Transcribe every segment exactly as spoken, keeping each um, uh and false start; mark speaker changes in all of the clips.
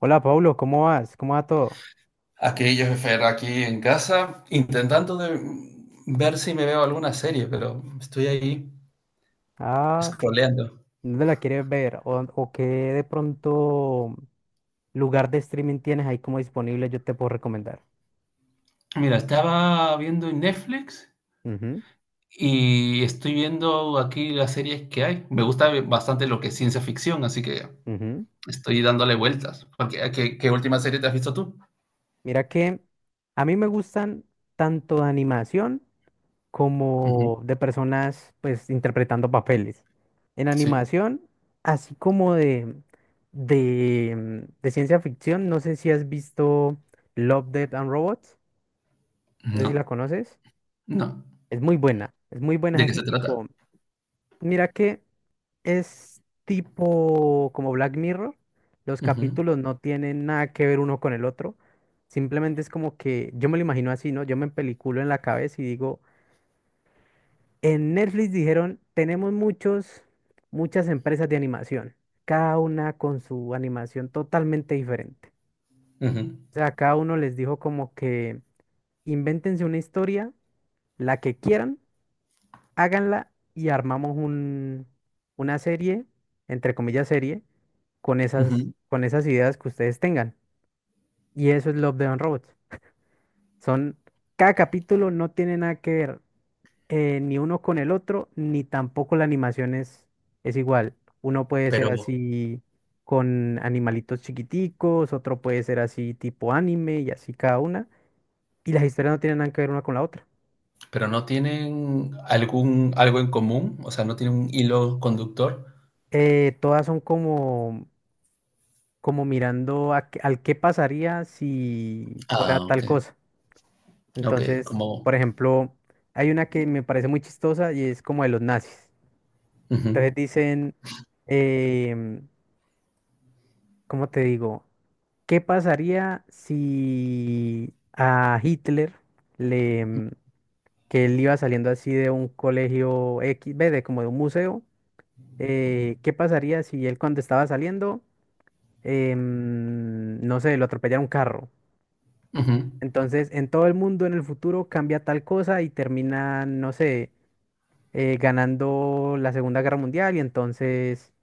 Speaker 1: Hola, Pablo, ¿cómo vas? ¿Cómo va todo?
Speaker 2: Aquí yo, Fer, aquí en casa, intentando de ver si me veo alguna serie, pero estoy ahí
Speaker 1: Ah,
Speaker 2: scrolleando.
Speaker 1: ¿dónde la quieres ver? ¿O, o qué de pronto lugar de streaming tienes ahí como disponible? Yo te puedo recomendar.
Speaker 2: Mira, estaba viendo en Netflix
Speaker 1: Ujú,
Speaker 2: y estoy viendo aquí las series que hay. Me gusta bastante lo que es ciencia ficción, así que
Speaker 1: ujú.
Speaker 2: estoy dándole vueltas. Porque, ¿qué, qué última serie te has visto tú?
Speaker 1: Mira que a mí me gustan tanto de animación
Speaker 2: Ujú,
Speaker 1: como de personas pues interpretando papeles. En
Speaker 2: sí.
Speaker 1: animación, así como de, de, de ciencia ficción, no sé si has visto Love, Death and Robots, no sé si
Speaker 2: No,
Speaker 1: la conoces.
Speaker 2: no.
Speaker 1: Es muy buena, es muy buena, es
Speaker 2: ¿De qué
Speaker 1: así
Speaker 2: se trata?
Speaker 1: tipo, mira que es tipo como Black Mirror, los
Speaker 2: Ujú,
Speaker 1: capítulos no tienen nada que ver uno con el otro, simplemente es como que yo me lo imagino así, ¿no? Yo me peliculo en la cabeza y digo, en Netflix dijeron, tenemos muchos, muchas empresas de animación, cada una con su animación totalmente diferente.
Speaker 2: ujú,
Speaker 1: O sea, cada uno les dijo como que invéntense una historia, la que quieran háganla y armamos un, una serie, entre comillas serie, con esas,
Speaker 2: ujú.
Speaker 1: con esas ideas que ustedes tengan. Y eso es Love, Death and Robots. Son, cada capítulo no tiene nada que ver eh, ni uno con el otro, ni tampoco la animación es, es igual. Uno puede ser
Speaker 2: Pero
Speaker 1: así con animalitos chiquiticos, otro puede ser así tipo anime y así cada una. Y las historias no tienen nada que ver una con la otra.
Speaker 2: Pero no tienen algún algo en común, o sea, no tienen un hilo conductor.
Speaker 1: Eh, todas son como como mirando a qué- al qué pasaría si fuera
Speaker 2: Ah,
Speaker 1: tal
Speaker 2: okey,
Speaker 1: cosa.
Speaker 2: okey,
Speaker 1: Entonces,
Speaker 2: como
Speaker 1: por ejemplo, hay una que me parece muy chistosa y es como de los nazis.
Speaker 2: ujú,
Speaker 1: Entonces dicen, em, ¿cómo te digo? ¿Qué pasaría si a Hitler le, em, que él iba saliendo así de un colegio X, ve, de como de un museo, eh, ¿qué pasaría si él cuando estaba saliendo, em, no sé, lo atropellara un carro?
Speaker 2: ujú,
Speaker 1: Entonces, en todo el mundo en el futuro cambia tal cosa y terminan, no sé, eh, ganando la Segunda Guerra Mundial y entonces,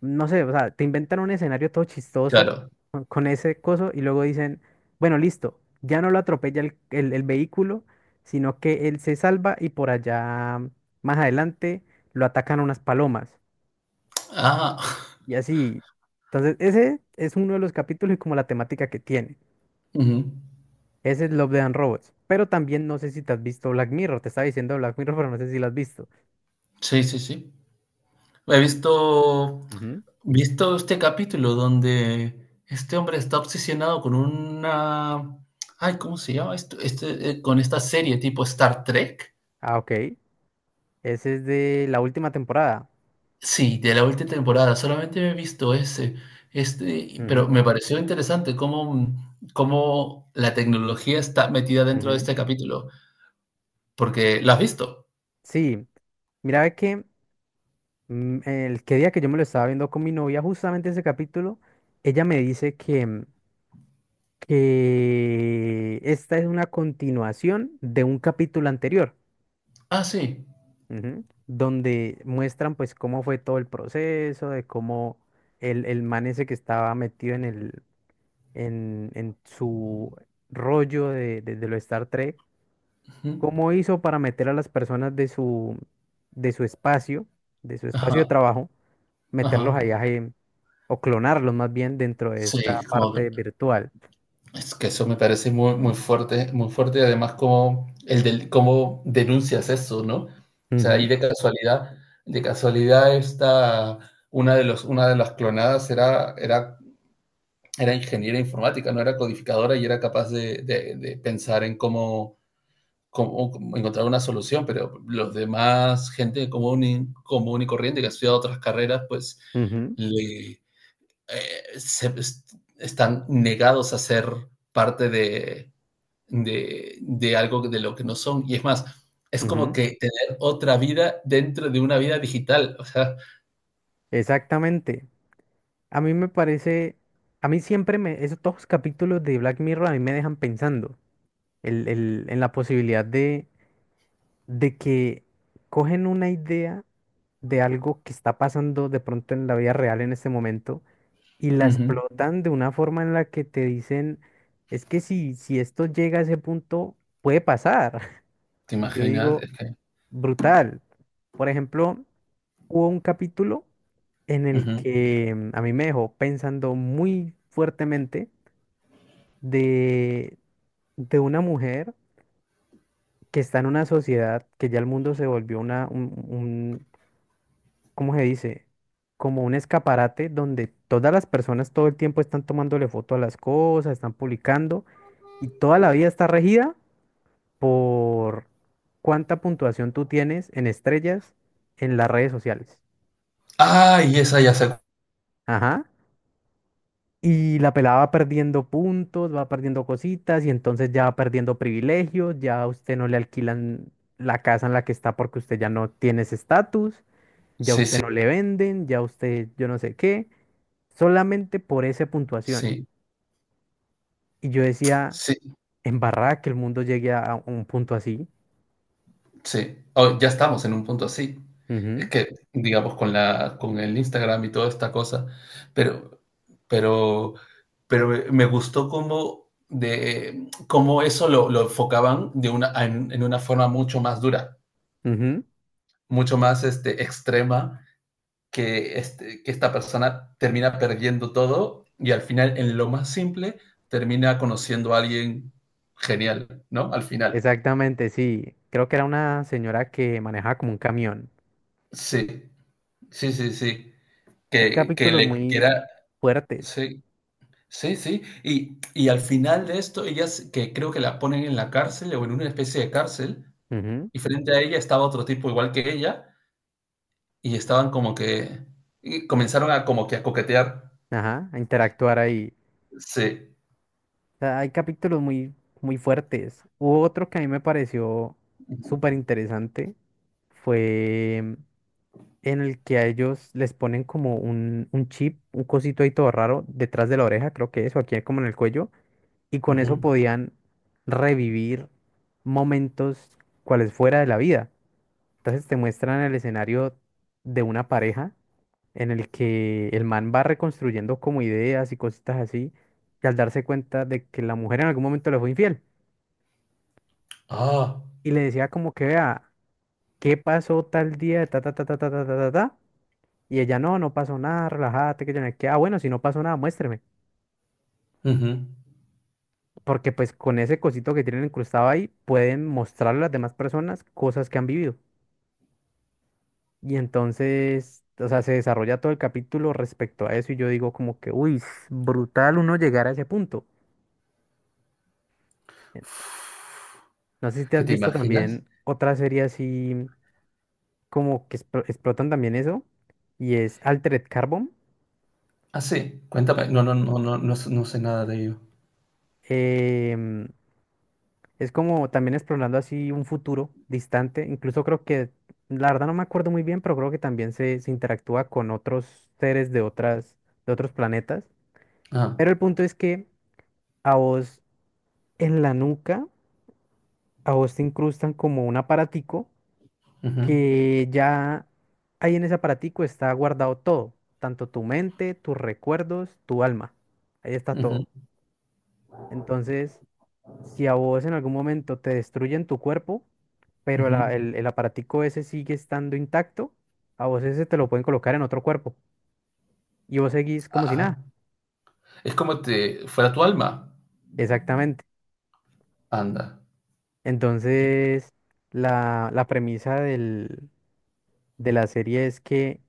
Speaker 1: no sé, o sea, te inventan un escenario todo chistoso
Speaker 2: claro.
Speaker 1: con con ese coso y luego dicen, bueno, listo, ya no lo atropella el, el- el vehículo, sino que él se salva y por allá, más adelante, lo atacan unas palomas
Speaker 2: Ah,
Speaker 1: y así. Entonces, ese es uno de los capítulos y como la temática que tiene.
Speaker 2: ujú.
Speaker 1: Ese es Love, Death and Robots. Pero también no sé si te has visto Black Mirror. Te estaba diciendo Black Mirror, pero no sé si lo has visto.
Speaker 2: Sí, sí, sí. He visto
Speaker 1: Ujú,
Speaker 2: visto este capítulo donde este hombre está obsesionado con una, ay, ¿cómo se llama esto? Este, eh, con esta serie tipo Star Trek.
Speaker 1: ah, OK. Ese es de la última temporada.
Speaker 2: Sí, de la última temporada, solamente he visto ese, este, pero
Speaker 1: Ujú,
Speaker 2: me pareció interesante cómo, mm, cómo la tecnología está metida dentro de
Speaker 1: ujú.
Speaker 2: este capítulo, porque ¿la has visto?
Speaker 1: Sí, mira ve que mm, el que día que yo me lo estaba viendo con mi novia, justamente ese capítulo, ella me dice que, mm, que esta es una continuación de un capítulo anterior.
Speaker 2: Ah, sí.
Speaker 1: Ujú. Donde muestran pues cómo fue todo el proceso, de cómo el, el man ese que estaba metido en el, en, en su rollo de, de, de lo Star Trek,
Speaker 2: Ujú.
Speaker 1: cómo hizo para meter a las personas de su, de su espacio, de su
Speaker 2: Ajá,
Speaker 1: espacio de trabajo, meterlos
Speaker 2: ajá.
Speaker 1: allá en- o clonarlos más bien dentro de esta
Speaker 2: Sí, como
Speaker 1: parte
Speaker 2: que-
Speaker 1: virtual.
Speaker 2: es que eso me parece muy, muy fuerte, muy fuerte, y además como el del, cómo denuncias eso, ¿no? O sea, ahí
Speaker 1: Ujú,
Speaker 2: de casualidad, de casualidad esta, una de los, una de las clonadas era, era era ingeniera informática, no era codificadora y era capaz de, de, de pensar en cómo, cómo, cómo, encontrar una solución, pero los demás, gente común y, común y corriente que ha estudiado otras carreras, pues
Speaker 1: ujú,
Speaker 2: le, eh, se, están negados a ser parte de, de, de algo de lo que no son. Y es más, es como
Speaker 1: ujú.
Speaker 2: que tener otra vida dentro de una vida digital. O sea,
Speaker 1: Exactamente. A mí me parece, a mí siempre me, esos todos los capítulos de Black Mirror a mí me dejan pensando el- el- en la posibilidad de de que cogen una idea de algo que está pasando de pronto en la vida real en este momento y
Speaker 2: uh
Speaker 1: la
Speaker 2: -huh.
Speaker 1: explotan de una forma en la que te dicen, es que si, si esto llega a ese punto, puede pasar.
Speaker 2: ¿Te
Speaker 1: Y yo
Speaker 2: imaginas?
Speaker 1: digo,
Speaker 2: Es que,
Speaker 1: brutal. Por ejemplo, hubo un capítulo en
Speaker 2: uh
Speaker 1: el
Speaker 2: -huh.
Speaker 1: que mm, a mí me dejó pensando muy fuertemente de, de una mujer que está en una sociedad que ya el mundo se volvió una, un, ¿cómo se dice? Como un escaparate donde todas las personas todo el tiempo están tomándole foto a las cosas, están publicando y toda la vida está regida por cuánta puntuación tú tienes en estrellas en las redes sociales.
Speaker 2: Ay, ah, esa ya se.
Speaker 1: Ajá. Y la pelada va perdiendo puntos, va perdiendo cositas y entonces ya va perdiendo privilegios, ya a usted no le alquilan la casa en la que está porque usted ya no tiene ese estatus, ya a
Speaker 2: Sí, sí.
Speaker 1: usted no le venden, ya a usted yo no sé qué, solamente por esa puntuación.
Speaker 2: Sí,
Speaker 1: Y yo decía,
Speaker 2: sí,
Speaker 1: en barra que el mundo llegue a a un punto así.
Speaker 2: sí. Oh, ya estamos en un punto así. Es
Speaker 1: Ujú,
Speaker 2: que, digamos, con la, con el Instagram y toda esta cosa, pero, pero, pero me me gustó cómo, de, cómo eso lo, lo enfocaban de una, en, en una forma mucho más dura,
Speaker 1: ujú.
Speaker 2: mucho más este, extrema, que, este, que esta persona termina perdiendo todo y al final, en lo más simple, termina conociendo a alguien genial, ¿no? Al final.
Speaker 1: Exactamente, sí. Creo que era una señora que manejaba como un camión.
Speaker 2: Sí, sí, sí, sí.
Speaker 1: Hay
Speaker 2: Que, que
Speaker 1: capítulos
Speaker 2: le
Speaker 1: muy
Speaker 2: quiera,
Speaker 1: fuertes.
Speaker 2: sí, sí, sí. Y, y al final de esto, ellas que creo que la ponen en la cárcel o en una especie de cárcel,
Speaker 1: Ujú,
Speaker 2: y frente a ella estaba otro tipo igual que ella, y estaban como que y comenzaron a como que a coquetear.
Speaker 1: ajá, a interactuar ahí.
Speaker 2: Sí.
Speaker 1: O sea, hay capítulos muy, muy fuertes. Hubo otro que a mí me pareció
Speaker 2: Ujú,
Speaker 1: súper interesante. Fue en el que a ellos les ponen como un, un chip, un cosito ahí todo raro, detrás de la oreja, creo que es o aquí como en el cuello, y con eso
Speaker 2: ujú.
Speaker 1: podían revivir momentos cuales fuera de la vida. Entonces te muestran el escenario de una pareja en el que el man va reconstruyendo como ideas y cositas así, y al darse cuenta de que la mujer en algún momento le fue infiel,
Speaker 2: Ah,
Speaker 1: y le decía como que vea, ¿qué pasó tal día? Ta, ta, ta, ta, ta, ta, ta, ta, ta. Y ella, no, no pasó nada, relájate, que yo no sé qué. Ah, bueno, si no pasó nada, muéstreme.
Speaker 2: ujú.
Speaker 1: Porque pues con ese cosito que tienen incrustado ahí, pueden mostrarle a las demás personas cosas que han vivido. Y entonces, o sea, se desarrolla todo el capítulo respecto a eso y yo digo como que, uy, es brutal uno llegar a ese punto. Eh, No sé si te
Speaker 2: ¿Qué
Speaker 1: has
Speaker 2: te
Speaker 1: visto
Speaker 2: imaginas?
Speaker 1: también otra serie así como que explo- explotan también eso y es Altered Carbon.
Speaker 2: Ah, sí, cuéntame. No, no, no, no, no, s- no sé nada de ello.
Speaker 1: em, Es como también explorando así un futuro distante. Incluso creo que, la verdad no me acuerdo muy bien, pero creo que también se, se interactúa con otros seres de otras, de otros planetas.
Speaker 2: Ah,
Speaker 1: Pero el punto es que a vos en la nuca, a vos te incrustan como un aparatico
Speaker 2: ujú,
Speaker 1: que ya ahí en ese aparatico está guardado todo, tanto tu mente, tus recuerdos, tu alma. Ahí está
Speaker 2: ujú,
Speaker 1: todo. Entonces, si a vos en algún momento te destruyen tu cuerpo, pero el,
Speaker 2: ujú.
Speaker 1: a- el, el aparatico ese sigue estando intacto, a vos ese te lo pueden colocar en otro cuerpo y vos seguís como si
Speaker 2: Ah,
Speaker 1: nada.
Speaker 2: es como te fuera tu alma.
Speaker 1: Exactamente.
Speaker 2: Anda.
Speaker 1: Entonces, la, la premisa del, de la serie es que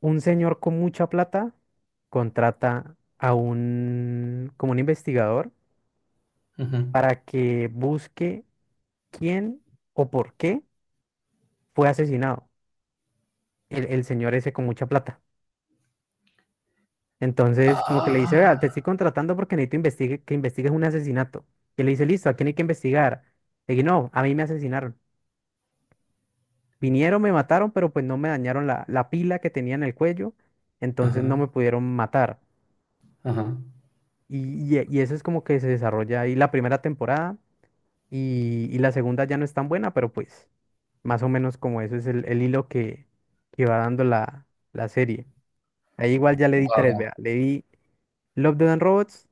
Speaker 1: un señor con mucha plata contrata a un, como un investigador
Speaker 2: Ujú.
Speaker 1: para que busque quién o por qué fue asesinado el, el señor ese con mucha plata. Entonces, como que le dice, vea, te
Speaker 2: Ah.
Speaker 1: estoy contratando porque necesito investigue, que investigues un asesinato. Y él le dice, listo, ¿a quién hay que investigar? Le dije, no, a mí me asesinaron. Vinieron, me mataron, pero pues no me dañaron la, la pila que tenía en el cuello, entonces no
Speaker 2: Ajá,
Speaker 1: me pudieron matar.
Speaker 2: ajá.
Speaker 1: Y, y- y eso es como que se desarrolla ahí la primera temporada y, y la segunda ya no es tan buena, pero pues más o menos como eso es el, el hilo que, que va dando la, la serie. Ahí igual ya le di tres,
Speaker 2: Guau.
Speaker 1: vea, le di Love, Death and Robots,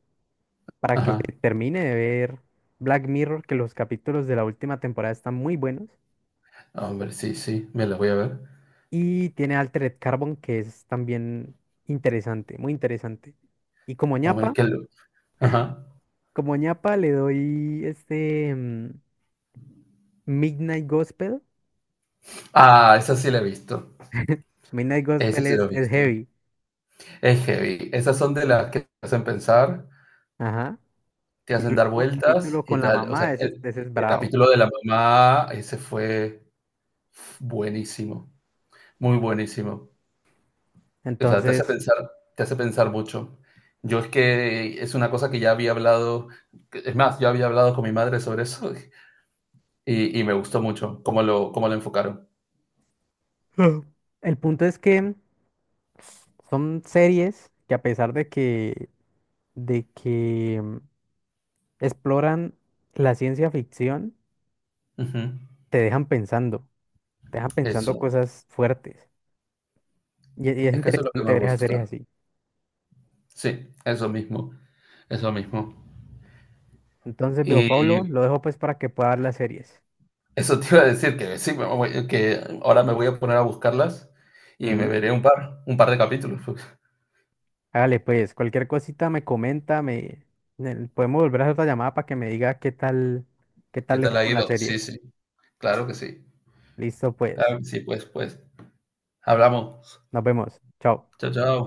Speaker 1: para que
Speaker 2: Ajá.
Speaker 1: se termine de ver Black Mirror, que los capítulos de la última temporada están muy buenos.
Speaker 2: Hombre, sí, sí, me la voy a ver.
Speaker 1: Y tiene Altered Carbon, que es también interesante, muy interesante. Y como
Speaker 2: Hombre,
Speaker 1: ñapa,
Speaker 2: qué luz. Ajá.
Speaker 1: como ñapa le doy este mm, Midnight Gospel.
Speaker 2: Ah, esa sí la he visto.
Speaker 1: Midnight
Speaker 2: Esa
Speaker 1: Gospel
Speaker 2: sí la he
Speaker 1: es, es
Speaker 2: visto.
Speaker 1: heavy.
Speaker 2: Es heavy. Esas son de las que te hacen pensar,
Speaker 1: Ajá.
Speaker 2: te
Speaker 1: Y el
Speaker 2: hacen dar
Speaker 1: último
Speaker 2: vueltas
Speaker 1: capítulo
Speaker 2: y
Speaker 1: con la
Speaker 2: tal. O
Speaker 1: mamá,
Speaker 2: sea,
Speaker 1: ese,
Speaker 2: el,
Speaker 1: ese es
Speaker 2: el
Speaker 1: bravo.
Speaker 2: capítulo de la mamá, ese fue buenísimo, muy buenísimo. O sea, te hace
Speaker 1: Entonces,
Speaker 2: pensar, te hace pensar mucho. Yo es que es una cosa que ya había hablado, es más, yo había hablado con mi madre sobre eso y, y me gustó mucho cómo lo, cómo lo enfocaron.
Speaker 1: ah, el punto es que son series que a pesar de que, de que mm, exploran la ciencia ficción,
Speaker 2: Ujú.
Speaker 1: te dejan pensando, te dejan pensando
Speaker 2: Eso,
Speaker 1: cosas fuertes. Y, y es
Speaker 2: es que eso es lo que
Speaker 1: interesante
Speaker 2: más
Speaker 1: ver esas series
Speaker 2: gusta.
Speaker 1: así.
Speaker 2: Sí, eso mismo, eso mismo.
Speaker 1: Entonces, veo
Speaker 2: Y
Speaker 1: Pablo, lo dejo pues para que pueda ver las series.
Speaker 2: eso te iba a decir que sí, me voy- que ahora me voy a poner a buscarlas y me
Speaker 1: Ujú.
Speaker 2: veré un par, un par de capítulos. Pues.
Speaker 1: Hágale pues, cualquier cosita me comenta, me, me- podemos volver a hacer otra llamada para que me diga qué tal, qué
Speaker 2: ¿Qué
Speaker 1: tal le
Speaker 2: tal
Speaker 1: fue
Speaker 2: ha
Speaker 1: con las
Speaker 2: ido? Sí,
Speaker 1: series.
Speaker 2: sí, claro que sí.
Speaker 1: Listo pues,
Speaker 2: Claro que sí, pues, pues. Hablamos.
Speaker 1: nos vemos, chao.
Speaker 2: Chao, chao.